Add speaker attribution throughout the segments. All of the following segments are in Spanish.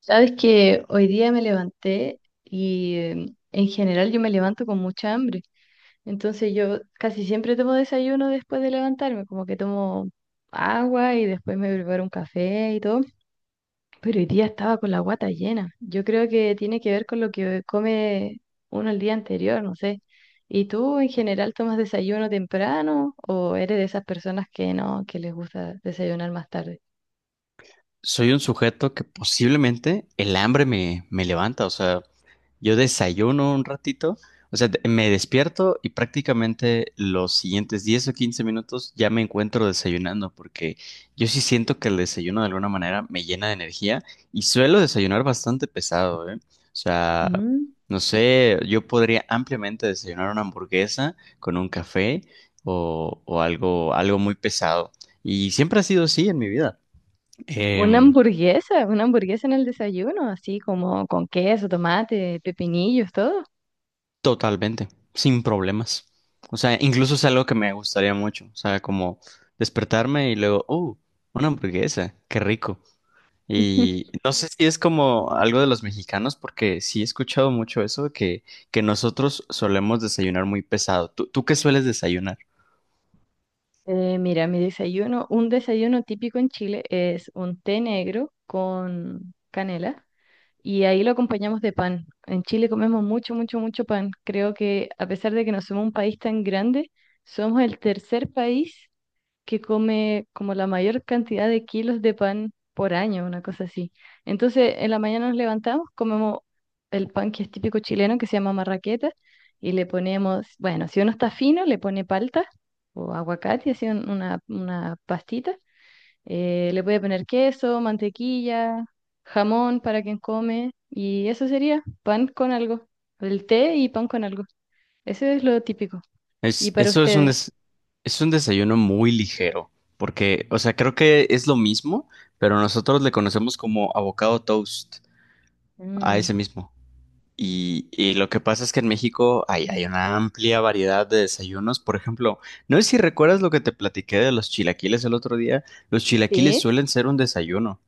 Speaker 1: Sabes que hoy día me levanté y en general yo me levanto con mucha hambre. Entonces yo casi siempre tomo desayuno después de levantarme, como que tomo agua y después me preparo un café y todo. Pero hoy día estaba con la guata llena. Yo creo que tiene que ver con lo que come uno el día anterior, no sé. ¿Y tú en general tomas desayuno temprano o eres de esas personas que no, que les gusta desayunar más tarde?
Speaker 2: Soy un sujeto que posiblemente el hambre me levanta. O sea, yo desayuno un ratito. O sea, me despierto y prácticamente los siguientes 10 o 15 minutos ya me encuentro desayunando, porque yo sí siento que el desayuno de alguna manera me llena de energía y suelo desayunar bastante pesado, ¿eh? O sea, no sé, yo podría ampliamente desayunar una hamburguesa con un café o, o algo muy pesado. Y siempre ha sido así en mi vida. Em,
Speaker 1: Una hamburguesa en el desayuno, así como con queso, tomate, pepinillos, todo.
Speaker 2: Totalmente, sin problemas. O sea, incluso es algo que me gustaría mucho. O sea, como despertarme y luego, oh, una hamburguesa, qué rico. Y no sé si es como algo de los mexicanos, porque sí he escuchado mucho eso, que nosotros solemos desayunar muy pesado. ¿Tú qué sueles desayunar?
Speaker 1: Mira, mi desayuno, un desayuno típico en Chile es un té negro con canela. Y ahí lo acompañamos de pan. En Chile comemos mucho, mucho, mucho pan. Creo que a pesar de que no somos un país tan grande, somos el tercer país que come como la mayor cantidad de kilos de pan por año, una cosa así. Entonces, en la mañana nos levantamos, comemos el pan que es típico chileno, que se llama marraqueta, y le ponemos, bueno, si uno está fino, le pone palta o aguacate, así una pastita, le puede poner queso, mantequilla, jamón para quien come. Y eso sería pan con algo. El té y pan con algo. Eso es lo típico. ¿Y
Speaker 2: Es,
Speaker 1: para
Speaker 2: eso es un,
Speaker 1: ustedes?
Speaker 2: des- es un desayuno muy ligero, porque, o sea, creo que es lo mismo, pero nosotros le conocemos como avocado toast a
Speaker 1: Mm,
Speaker 2: ese mismo. Y lo que pasa es que en México hay una amplia variedad de desayunos. Por ejemplo, no sé si recuerdas lo que te platiqué de los chilaquiles el otro día. Los chilaquiles
Speaker 1: ¿sí?
Speaker 2: suelen ser un desayuno.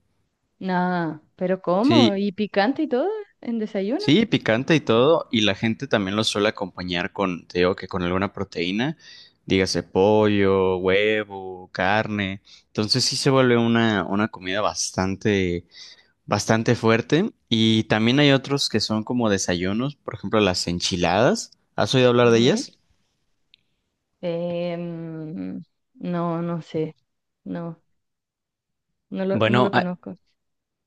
Speaker 1: Nada, pero ¿cómo?
Speaker 2: Sí,
Speaker 1: ¿Y picante y todo en desayuno?
Speaker 2: sí, picante y todo. Y la gente también los suele acompañar con, te digo que con alguna proteína, dígase pollo, huevo, carne. Entonces sí se vuelve una comida bastante fuerte. Y también hay otros que son como desayunos, por ejemplo, las enchiladas. ¿Has oído hablar de
Speaker 1: Ujú.
Speaker 2: ellas?
Speaker 1: Em, no, no sé. No, no lo
Speaker 2: Bueno,
Speaker 1: conozco.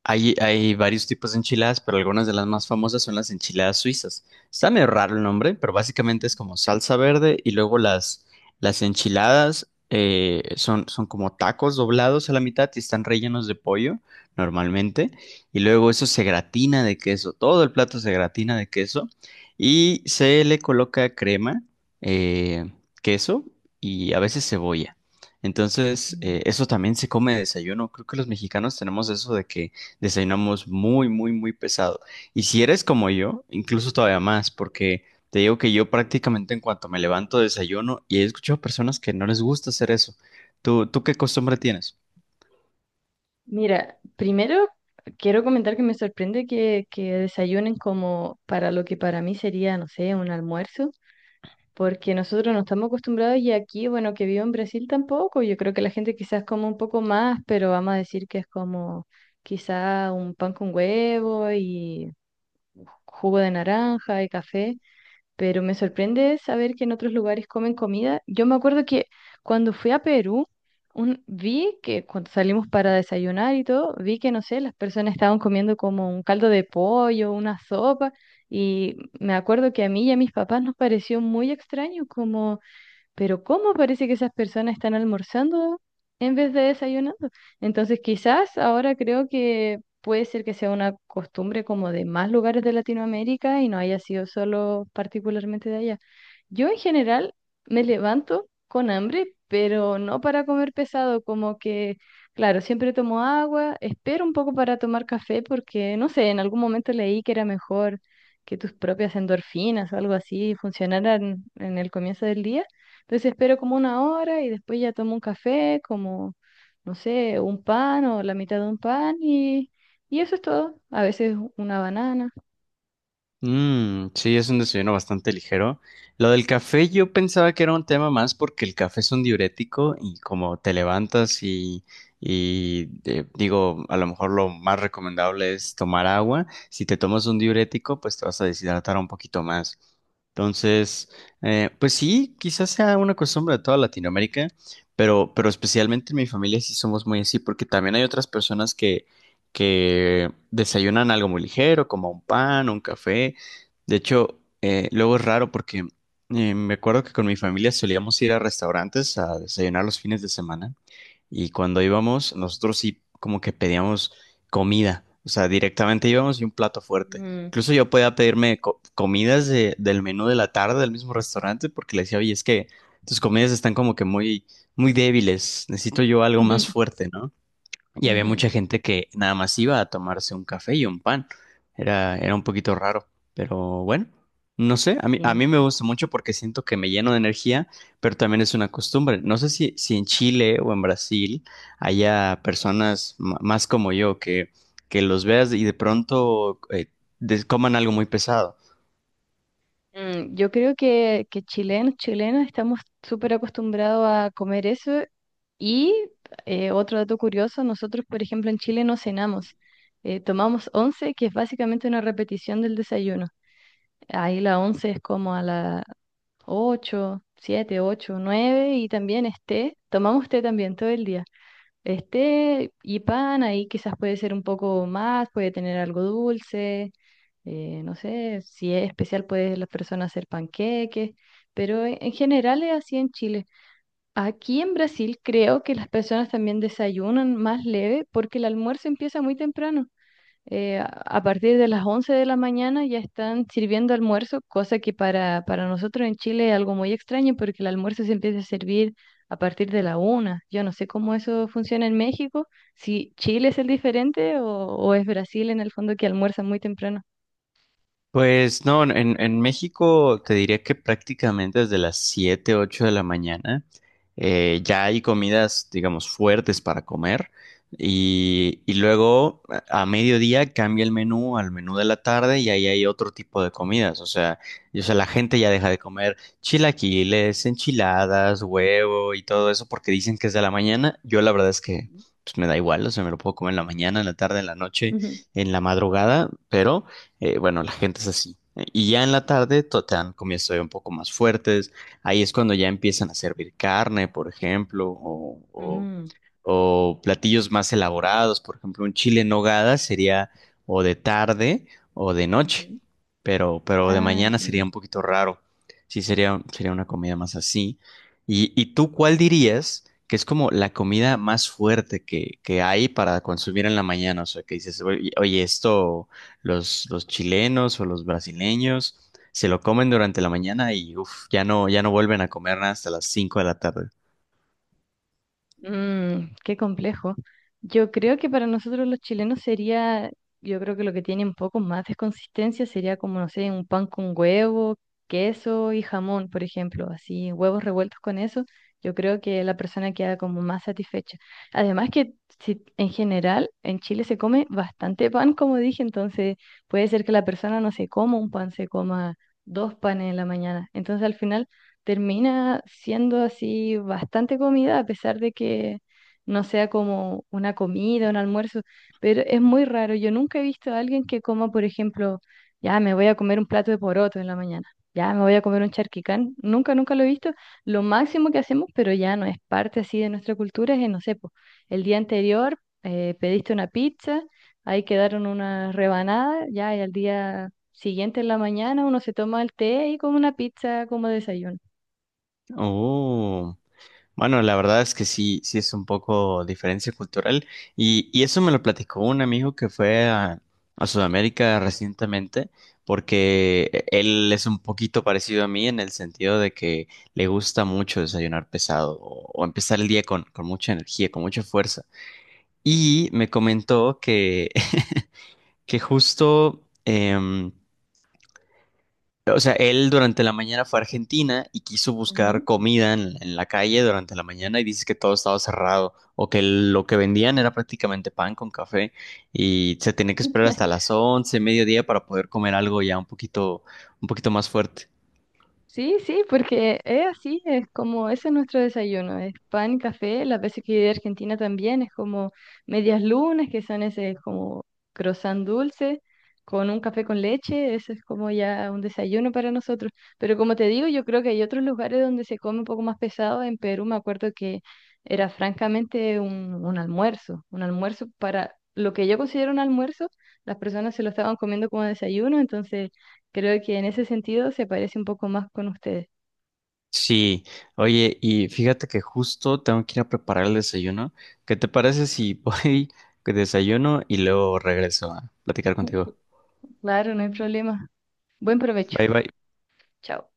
Speaker 2: hay varios tipos de enchiladas, pero algunas de las más famosas son las enchiladas suizas. Está medio raro el nombre, pero básicamente es como salsa verde y luego las enchiladas son como tacos doblados a la mitad y están rellenos de pollo normalmente. Y luego eso se gratina de queso, todo el plato se gratina de queso y se le coloca crema, eh, queso y a veces cebolla. Entonces, eso también se come de desayuno. Creo que los mexicanos tenemos eso de que desayunamos muy, muy, muy pesado. Y si eres como yo, incluso todavía más, porque te digo que yo prácticamente en cuanto me levanto desayuno y he escuchado personas que no les gusta hacer eso. ¿Tú qué costumbre tienes?
Speaker 1: Mira, primero quiero comentar que me sorprende que desayunen como para lo que para mí sería, no sé, un almuerzo, porque nosotros no estamos acostumbrados y aquí, bueno, que vivo en Brasil tampoco, yo creo que la gente quizás come un poco más, pero vamos a decir que es como quizá un pan con huevo y jugo de naranja y café, pero me sorprende saber que en otros lugares comen comida. Yo me acuerdo que cuando fui a Perú, vi que cuando salimos para desayunar y todo, vi que, no sé, las personas estaban comiendo como un caldo de pollo, una sopa, y me acuerdo que a mí y a mis papás nos pareció muy extraño, como... Pero ¿cómo parece que esas personas están almorzando en vez de desayunando? Entonces, quizás ahora creo que puede ser que sea una costumbre como de más lugares de Latinoamérica y no haya sido solo particularmente de allá. Yo en general me levanto con hambre, pero no para comer pesado, como que, claro, siempre tomo agua, espero un poco para tomar café porque, no sé, en algún momento leí que era mejor que tus propias endorfinas o algo así funcionaran en el comienzo del día. Entonces espero como una hora y después ya tomo un café, como, no sé, un pan o la mitad de un pan y eso es todo. A veces una banana.
Speaker 2: Mm, sí, es un desayuno bastante ligero. Lo del café yo pensaba que era un tema más porque el café es un diurético y como te levantas y digo, a lo mejor lo más recomendable es tomar agua. Si te tomas un diurético, pues te vas a deshidratar un poquito más. Entonces, pues sí, quizás sea una costumbre de toda Latinoamérica, pero especialmente en mi familia sí somos muy así porque también hay otras personas que desayunan algo muy ligero, como un pan, un café. De hecho, luego es raro porque me acuerdo que con mi familia solíamos ir a restaurantes a desayunar los fines de semana y cuando íbamos, nosotros sí como que pedíamos comida. O sea, directamente íbamos y un plato fuerte.
Speaker 1: Mm.
Speaker 2: Incluso yo podía pedirme comidas del menú de la tarde del mismo restaurante porque le decía, oye, es que tus comidas están como que muy, muy débiles, necesito yo algo
Speaker 1: Ujú,
Speaker 2: más fuerte, ¿no? Y había
Speaker 1: ujú,
Speaker 2: mucha gente que nada más iba a tomarse un café y un pan. Era un poquito raro, pero bueno, no sé, a mí, a
Speaker 1: sí.
Speaker 2: mí me gusta mucho porque siento que me lleno de energía, pero también es una costumbre. No sé si, si en Chile o en Brasil haya personas más como yo, que los veas y de pronto coman algo muy pesado.
Speaker 1: Mm, yo creo que chilenos, chilenos estamos súper acostumbrados a comer eso y otro dato curioso, nosotros por ejemplo en Chile no cenamos. Tomamos once, que es básicamente una repetición del desayuno. Ahí la once es como a la, 8, 7, 8, 9 y también esté. Tomamos té también todo el día. Esté y pan, ahí quizás puede ser un poco más, puede tener algo dulce. Eh, no sé, si es especial puede las personas hacer panqueques, pero en general es así en Chile. Aquí en Brasil creo que las personas también desayunan más leve porque el almuerzo empieza muy temprano. A partir de las 11 de la mañana ya están sirviendo almuerzo, cosa que para nosotros en Chile es algo muy extraño porque el almuerzo se empieza a servir a partir de la una. Yo no sé cómo eso funciona en México, si Chile es el diferente o es Brasil en el fondo que almuerza muy temprano.
Speaker 2: Pues no, en México te diría que prácticamente desde las 7 u 8 de la mañana ya hay comidas, digamos, fuertes para comer y luego a mediodía cambia el menú al menú de la tarde y ahí hay otro tipo de comidas. O sea, y, o sea, la gente ya deja de comer chilaquiles, enchiladas, huevo y todo eso porque dicen que es de la mañana. Yo la verdad es que
Speaker 1: Ujú.
Speaker 2: pues, me da igual. O sea, me lo puedo comer en la mañana, en la tarde, en la noche,
Speaker 1: Ujú.
Speaker 2: en la madrugada, pero... bueno, la gente es así. Y ya en la tarde te dan comidas todavía un poco más fuertes. Ahí es cuando ya empiezan a servir carne, por ejemplo,
Speaker 1: Mm,
Speaker 2: o platillos más elaborados. Por ejemplo, un chile en nogada sería o de tarde o de noche,
Speaker 1: ujú.
Speaker 2: pero de
Speaker 1: Ah,
Speaker 2: mañana sería
Speaker 1: entendí.
Speaker 2: un poquito raro. Sí, sería una comida más así. Y tú cuál dirías que es como la comida más fuerte que hay para consumir en la mañana? O sea, que dices, oye, oye, esto. Los chilenos o los brasileños se lo comen durante la mañana y uf, ya no, ya no vuelven a comer nada hasta las 5 de la tarde.
Speaker 1: Mm, qué complejo. Yo creo que para nosotros los chilenos sería, yo creo que lo que tiene un poco más de consistencia sería como, no sé, un pan con huevo, queso y jamón, por ejemplo, así, huevos revueltos con eso. Yo creo que la persona queda como más satisfecha. Además que si, en general en Chile se come bastante pan, como dije, entonces puede ser que la persona no se coma un pan, se coma 2 panes en la mañana. Entonces al final termina siendo así bastante comida, a pesar de que no sea como una comida, un almuerzo, pero es muy raro. Yo nunca he visto a alguien que coma, por ejemplo, ya me voy a comer un plato de poroto en la mañana, ya me voy a comer un charquicán. Nunca, nunca lo he visto. Lo máximo que hacemos, pero ya no es parte así de nuestra cultura, es, no sé, po, el día anterior pediste una pizza, ahí quedaron unas rebanadas, ya y al día siguiente en la mañana uno se toma el té y come una pizza como desayuno.
Speaker 2: Oh, bueno, la verdad es que sí, sí es un poco diferencia cultural. Y eso me lo platicó un amigo que fue a Sudamérica recientemente, porque él es un poquito parecido a mí en el sentido de que le gusta mucho desayunar pesado o empezar el día con mucha energía, con mucha fuerza. Y me comentó que justo, o sea, él durante la mañana fue a Argentina y quiso buscar
Speaker 1: Ujú.
Speaker 2: comida en la calle durante la mañana y dice que todo estaba cerrado o que lo que vendían era prácticamente pan con café y se tenía que esperar hasta las 11, mediodía para poder comer algo ya un poquito más fuerte.
Speaker 1: Sí, sí, porque es así, es como ese es nuestro desayuno, es pan, café, las veces que he a Argentina también es como medias lunas, que son ese como croissant dulce con un café con leche, eso es como ya un desayuno para nosotros. Pero como te digo, yo creo que hay otros lugares donde se come un poco más pesado. En Perú me acuerdo que era francamente un almuerzo para lo que yo considero un almuerzo, las personas se lo estaban comiendo como desayuno, entonces... Creo que en ese sentido se parece un poco más con ustedes.
Speaker 2: Sí, oye, y fíjate que justo tengo que ir a preparar el desayuno. ¿Qué te parece si voy, que desayuno y luego regreso a platicar contigo?
Speaker 1: Claro, no hay problema. Buen provecho.
Speaker 2: Bye bye.
Speaker 1: Chao.